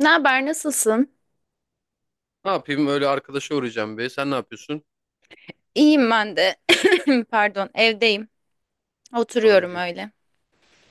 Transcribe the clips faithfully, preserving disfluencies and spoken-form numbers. Ne haber, nasılsın? Ne yapayım öyle arkadaşa uğrayacağım be. Sen ne yapıyorsun? İyiyim ben de. Pardon, evdeyim. Sorun Oturuyorum değil. öyle.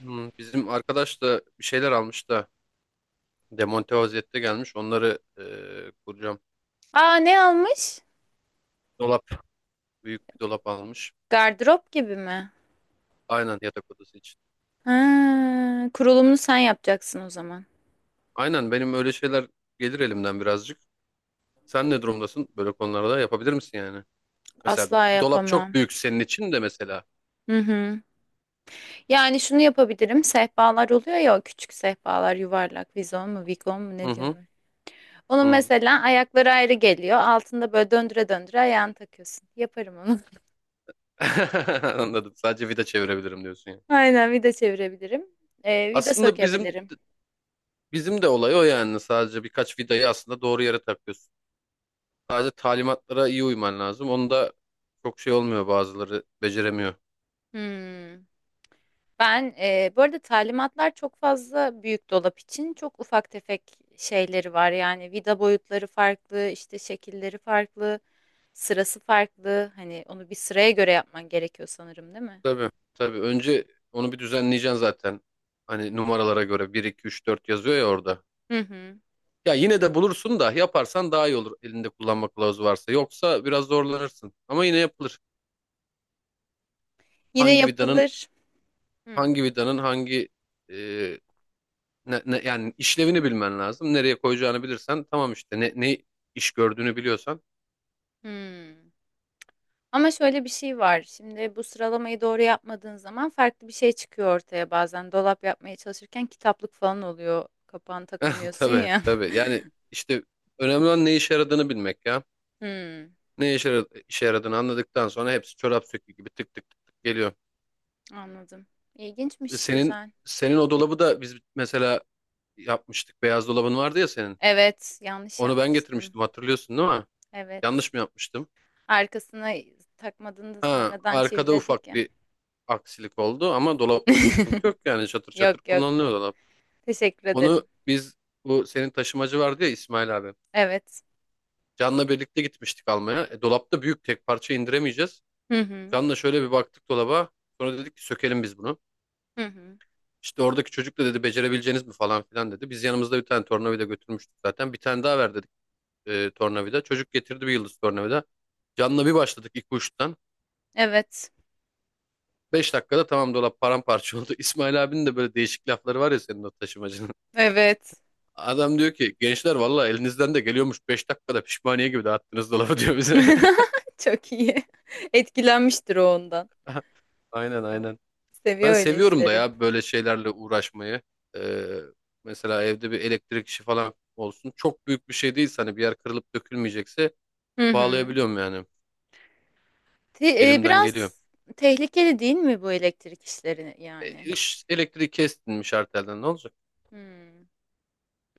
Hmm, bizim arkadaş da bir şeyler almış da demonte vaziyette gelmiş. Onları eee, kuracağım. Aa, ne almış? Dolap. Büyük bir dolap almış. Gardırop gibi mi? Aynen yatak odası için. Ha, kurulumunu sen yapacaksın o zaman. Aynen benim öyle şeyler gelir elimden birazcık. Sen ne durumdasın? Böyle konularda yapabilir misin yani? Mesela Asla dolap çok yapamam. büyük senin için de mesela. Hı hı. Yani şunu yapabilirim. Sehpalar oluyor ya, o küçük sehpalar, yuvarlak, vizon mu, vikon mu Hı ne hı. diyorlar. Onun Hı. mesela ayakları ayrı geliyor. Altında böyle döndüre döndüre ayağını takıyorsun. Yaparım onu. Anladım. Sadece vida çevirebilirim diyorsun yani. Aynen vida çevirebilirim. Ee, vida Aslında bizim sökebilirim. bizim de olay o yani. Sadece birkaç vidayı aslında doğru yere takıyorsun. Sadece talimatlara iyi uyman lazım. Onu da çok şey olmuyor, bazıları beceremiyor. Hmm. Ben e, bu arada talimatlar çok fazla büyük dolap için çok ufak tefek şeyleri var. Yani vida boyutları farklı, işte şekilleri farklı, sırası farklı. Hani onu bir sıraya göre yapman gerekiyor sanırım, değil mi? Tabii tabii, önce onu bir düzenleyeceksin zaten. Hani numaralara göre bir, iki, üç, dört yazıyor ya orada. Hı hı. Ya yine de bulursun da, yaparsan daha iyi olur elinde kullanma kılavuzu varsa. Yoksa biraz zorlanırsın. Ama yine yapılır. Yine Hangi vidanın yapılır. Hı. hangi vidanın hangi e, ne, ne- yani işlevini bilmen lazım. Nereye koyacağını bilirsen tamam, işte ne, ne iş gördüğünü biliyorsan. Hı. Ama şöyle bir şey var. Şimdi bu sıralamayı doğru yapmadığın zaman farklı bir şey çıkıyor ortaya bazen. Dolap yapmaya çalışırken kitaplık falan oluyor. Kapağını takamıyorsun Tabii ya. tabii yani işte, önemli olan ne işe yaradığını bilmek ya. Hı. Ne işe, yara- işe yaradığını anladıktan sonra hepsi çorap söküğü gibi tık tık tık tık geliyor. Anladım. E, İlginçmiş, Senin güzel. senin o dolabı da biz mesela yapmıştık. Beyaz dolabın vardı ya senin. Evet, yanlış Onu ben yapmıştım. getirmiştim, hatırlıyorsun değil mi? Evet. Yanlış mı yapmıştım? Arkasına takmadığını da Ha, sonradan arkada çiviledik ufak ya. bir aksilik oldu ama dolapta bir sıkıntı yok yani, çatır çatır Yok, yok. kullanılıyor dolap. Teşekkür ederim. Onu biz, bu senin taşımacı vardı ya, İsmail abi. Evet. Can'la birlikte gitmiştik almaya. E, dolapta büyük tek parça indiremeyeceğiz. Hı hı. Can'la şöyle bir baktık dolaba. Sonra dedik ki sökelim biz bunu. Hı hı. İşte oradaki çocuk da dedi becerebileceğiniz mi falan filan dedi. Biz yanımızda bir tane tornavida götürmüştük zaten. Bir tane daha ver dedik e, tornavida. Çocuk getirdi bir yıldız tornavida. Canla bir başladık ilk uçtan. Evet. Beş dakikada tamam, dolap paramparça oldu. İsmail abinin de böyle değişik lafları var ya, senin o taşımacının. Evet. Adam diyor ki gençler, valla elinizden de geliyormuş. Beş dakikada pişmaniye gibi dağıttınız dolabı diyor bize. Çok iyi. Etkilenmiştir o ondan. Aynen aynen. Ben Seviyor öyle seviyorum da işleri. ya böyle şeylerle uğraşmayı. Ee, mesela evde bir elektrik işi falan olsun. Çok büyük bir şey değilse, hani bir yer kırılıp dökülmeyecekse Hı hı. bağlayabiliyorum yani. Te- e, Elimden geliyor. biraz tehlikeli değil mi bu elektrik işleri E, yani? iş- elektriği kestinmiş, arterden ne olacak? Hmm,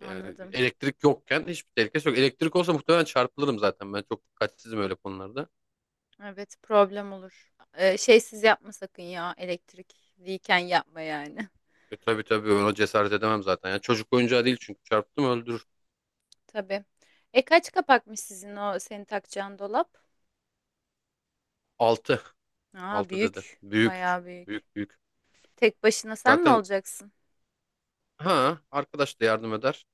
Yani anladım. elektrik yokken hiçbir tehlikesi yok. Elektrik olsa muhtemelen çarpılırım zaten. Ben çok dikkatsizim öyle konularda. Evet, problem olur. Ee, şeysiz yapma sakın ya, elektrikliyken yapma yani. E, tabii tabii ben ona cesaret edemem zaten. Yani çocuk oyuncağı değil, çünkü çarptım öldürür. Tabii. E kaç kapakmış sizin o senin takacağın dolap? Altı, Aa, altı dedi. büyük. Büyük. Bayağı büyük. Büyük büyük. Tek başına sen mi Zaten olacaksın? ha, arkadaş da yardım eder.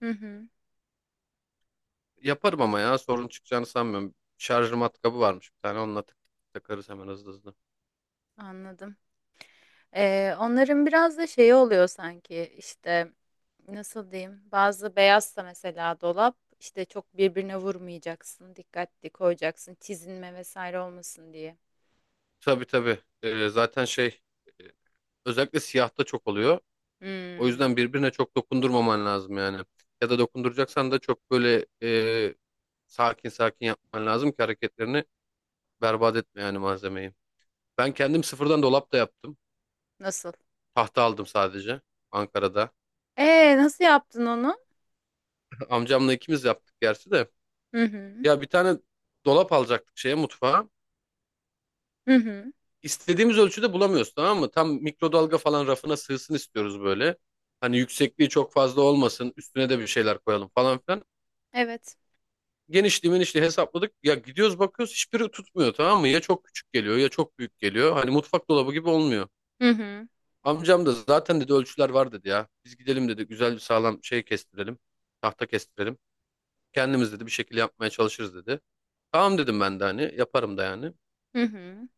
Hı hı, Yaparım ama ya, sorun çıkacağını sanmıyorum. Şarjör matkabı varmış bir tane, onunla tık tık takarız hemen, hızlı hızlı. anladım. Ee, onların biraz da şeyi oluyor sanki işte, nasıl diyeyim, bazı beyazsa mesela dolap işte çok birbirine vurmayacaksın, dikkatli koyacaksın, çizilme vesaire olmasın diye. Tabii tabii. E, zaten şey e, Özellikle siyahta çok oluyor. O Hmm, yüzden birbirine çok dokundurmaman lazım yani. Ya da dokunduracaksan da çok böyle e, sakin sakin yapman lazım ki hareketlerini berbat etme yani malzemeyi. Ben kendim sıfırdan dolap da yaptım. nasıl? Tahta aldım sadece Ankara'da. Ee nasıl yaptın onu? Amcamla ikimiz yaptık gerçi de. Hı hı. Ya bir tane dolap alacaktık şeye, mutfağa. Hı hı. İstediğimiz ölçüde bulamıyoruz, tamam mı? Tam mikrodalga falan rafına sığsın istiyoruz böyle. Hani yüksekliği çok fazla olmasın, üstüne de bir şeyler koyalım falan filan. Evet. Genişliği menişliği hesapladık. Ya, gidiyoruz bakıyoruz hiçbiri tutmuyor, tamam mı? Ya çok küçük geliyor ya çok büyük geliyor. Hani mutfak dolabı gibi olmuyor. Hı hı. Amcam da zaten dedi, ölçüler var dedi ya. Biz gidelim dedi, güzel bir sağlam şey kestirelim. Tahta kestirelim. Kendimiz dedi bir şekilde yapmaya çalışırız dedi. Tamam dedim ben de, hani yaparım da yani. Hı hı.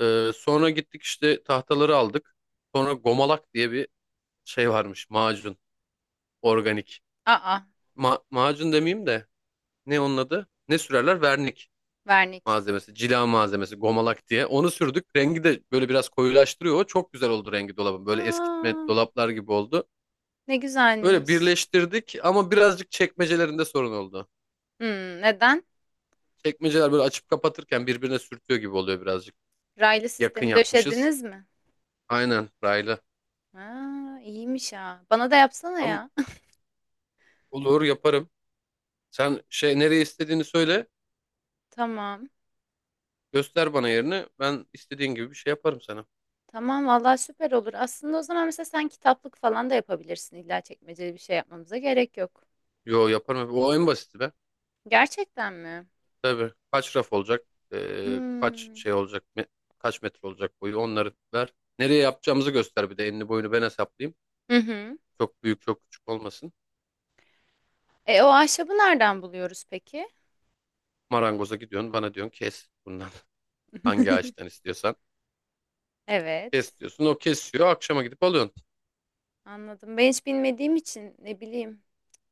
Ee, sonra gittik işte, tahtaları aldık. Sonra gomalak diye bir şey varmış, macun, organik. Aa, Ma- macun demeyeyim de, ne onun adı? Ne sürerler? Vernik vernik. malzemesi, cila malzemesi, gomalak diye. Onu sürdük. Rengi de böyle biraz koyulaştırıyor. O çok güzel oldu rengi dolabın. Böyle eskitme Aa, dolaplar gibi oldu. ne Öyle güzelmiş. birleştirdik ama birazcık çekmecelerinde sorun oldu. Hmm, neden? Çekmeceler böyle açıp kapatırken birbirine sürtüyor gibi oluyor birazcık. Raylı Yakın sistemi yapmışız. döşediniz mi? Aynen, raylı. Aa, iyiymiş ha. Bana da yapsana Ama ya. olur, yaparım. Sen şey, nereye istediğini söyle. Tamam. Göster bana yerini. Ben istediğin gibi bir şey yaparım sana. Tamam, vallahi süper olur. Aslında o zaman mesela sen kitaplık falan da yapabilirsin. İlla çekmeceli bir şey yapmamıza gerek yok. Yo, yaparım. O en basiti be. Gerçekten mi? Tabii, kaç raf olacak, eee, kaç Hmm. şey olacak, me- kaç metre olacak boyu, onları ver. Nereye yapacağımızı göster, bir de enini boyunu ben hesaplayayım. Hı hı. Çok büyük çok küçük olmasın. E o ahşabı nereden buluyoruz peki? Marangoza gidiyorsun, bana diyorsun kes bundan, hangi ağaçtan istiyorsan. Evet. Kes diyorsun, o kesiyor, akşama gidip alıyorsun. Anladım. Ben hiç bilmediğim için ne bileyim.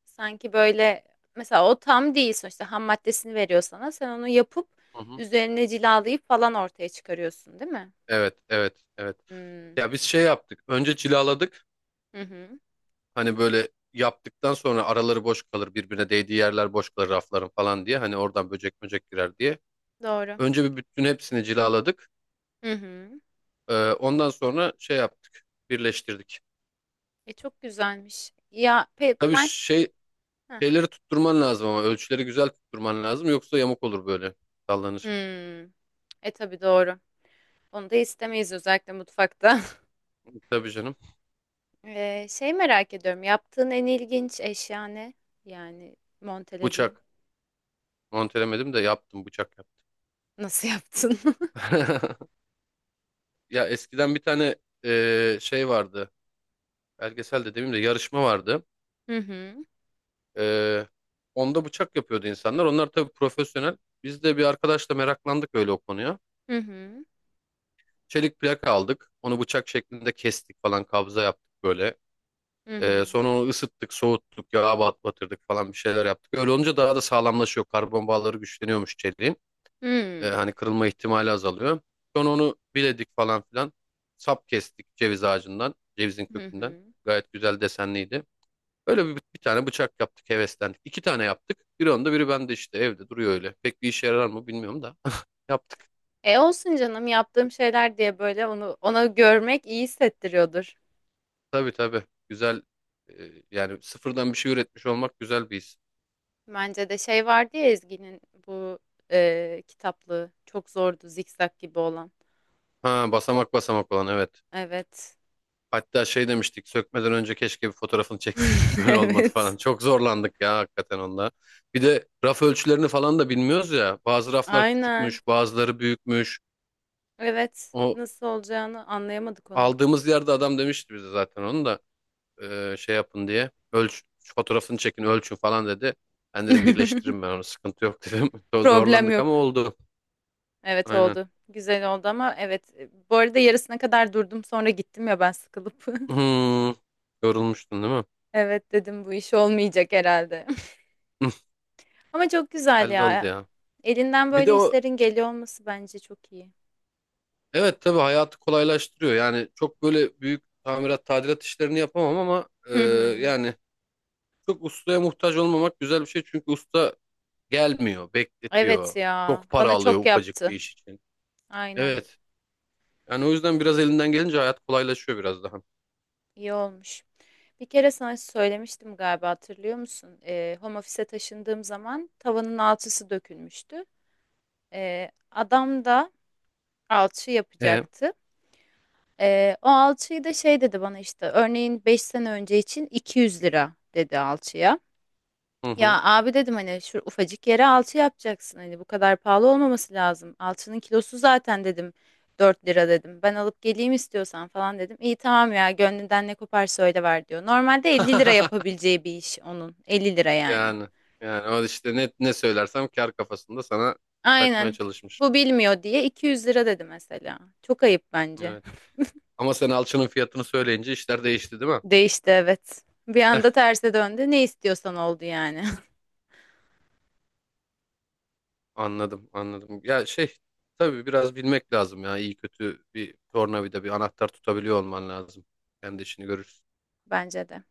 Sanki böyle, mesela o tam değil sonuçta, ham maddesini veriyor sana. Sen onu yapıp Hı hı. üzerine cilalayıp falan ortaya çıkarıyorsun, değil mi? Evet evet evet. Hmm. Ya biz şey yaptık, önce cilaladık, Hı hı. hani böyle yaptıktan sonra araları boş kalır, birbirine değdiği yerler boş kalır rafların falan diye, hani oradan böcek böcek girer diye. Doğru. Önce bir bütün hepsini cilaladık. Hı hı. Ee, ondan sonra şey yaptık, birleştirdik. E çok güzelmiş. Ya pe Tabii ben ş- şey Heh. şeyleri tutturman lazım ama ölçüleri güzel tutturman lazım, yoksa yamuk olur böyle, sallanır. Hmm. E tabii doğru. Onu da istemeyiz özellikle mutfakta. Tabii canım. E, şey merak ediyorum. Yaptığın en ilginç eşya ne? Yani montelediğin. Bıçak, montelemedim de yaptım, bıçak Nasıl yaptın? yaptım. Ya eskiden bir tane e, şey vardı. Belgesel de demeyeyim de, yarışma vardı. Hı hı. E, onda bıçak yapıyordu insanlar. Onlar tabii profesyonel. Biz de bir arkadaşla meraklandık öyle o konuya. Hı hı. Çelik plaka aldık. Onu bıçak şeklinde kestik falan, kabza yaptık böyle. Hı Ee, hı. sonra onu ısıttık, soğuttuk, yağa bat- batırdık falan, bir şeyler yaptık. Öyle olunca daha da sağlamlaşıyor. Karbon bağları güçleniyormuş çeliğin. Ee, Hmm. hani kırılma ihtimali azalıyor. Sonra onu biledik falan filan. Sap kestik ceviz ağacından, cevizin Hı kökünden. hı. Gayet güzel desenliydi. Öyle bir, bir tane bıçak yaptık, heveslendik. İki tane yaptık. Biri onda, biri bende işte evde duruyor öyle. Pek bir işe yarar mı bilmiyorum da. Yaptık. E olsun canım, yaptığım şeyler diye böyle onu ona görmek iyi hissettiriyordur. Tabii tabii. Güzel. e, yani sıfırdan bir şey üretmiş olmak güzel bir his. Bence de şey vardı ya, Ezgi'nin bu e, kitaplığı çok zordu, zikzak gibi olan. Ha, basamak basamak olan, evet. Evet. Hatta şey demiştik, sökmeden önce keşke bir fotoğrafını çekseydik böyle olmadı Evet. falan. Çok zorlandık ya hakikaten onda. Bir de raf ölçülerini falan da bilmiyoruz ya. Bazı raflar Aynen. küçükmüş, bazıları büyükmüş. Evet. O Nasıl olacağını anlayamadık onun. aldığımız yerde adam demişti bize zaten onu da e, şey yapın diye. Ölç, fotoğrafını çekin, ölçün falan dedi. Ben dedim birleştiririm ben onu, sıkıntı yok dedim. Problem Zorlandık ama yok. oldu. Evet, Aynen. oldu. Güzel oldu ama, evet. Bu arada yarısına kadar durdum, sonra gittim ya ben, sıkılıp. Hmm, yorulmuştun değil mi? Evet, dedim bu iş olmayacak herhalde. Ama çok güzel Halloldu ya. ya. Elinden Bir de böyle o. işlerin geliyor olması bence çok iyi. Evet tabii, hayatı kolaylaştırıyor. Yani çok böyle büyük tamirat tadilat işlerini yapamam ama e, Hı hı. yani, çok ustaya muhtaç olmamak güzel bir şey. Çünkü usta gelmiyor, Evet bekletiyor. ya. Çok para Bana alıyor çok ufacık bir yaptı. iş için. Aynen. Evet. Yani o yüzden biraz elinden gelince hayat kolaylaşıyor biraz daha. İyi olmuş. Bir kere sana söylemiştim galiba, hatırlıyor musun? Ee, home office'e taşındığım zaman tavanın alçısı dökülmüştü. Ee, adam da alçı E? yapacaktı. Ee, o alçıyı da şey dedi bana, işte örneğin beş sene önce için iki yüz lira dedi alçıya. Hı hı. Ya abi dedim, hani şu ufacık yere alçı yapacaksın, hani bu kadar pahalı olmaması lazım. Alçının kilosu zaten dedim dört lira, dedim. Ben alıp geleyim istiyorsan falan dedim. İyi tamam ya, gönlünden ne koparsa öyle ver, diyor. Normalde elli lira yapabileceği bir iş onun. elli lira yani. Yani yani o işte, ne ne söylersem kar kafasında sana çakmaya Aynen. çalışmış. Bu bilmiyor diye iki yüz lira dedi mesela. Çok ayıp bence. Evet. Ama sen alçının fiyatını söyleyince işler değişti değil mi? Değişti, evet. Bir anda terse döndü. Ne istiyorsan oldu yani. Anladım, anladım. Ya şey, tabii biraz bilmek lazım ya. İyi kötü bir tornavida, bir anahtar tutabiliyor olman lazım. Kendi işini görürsün. Bence de.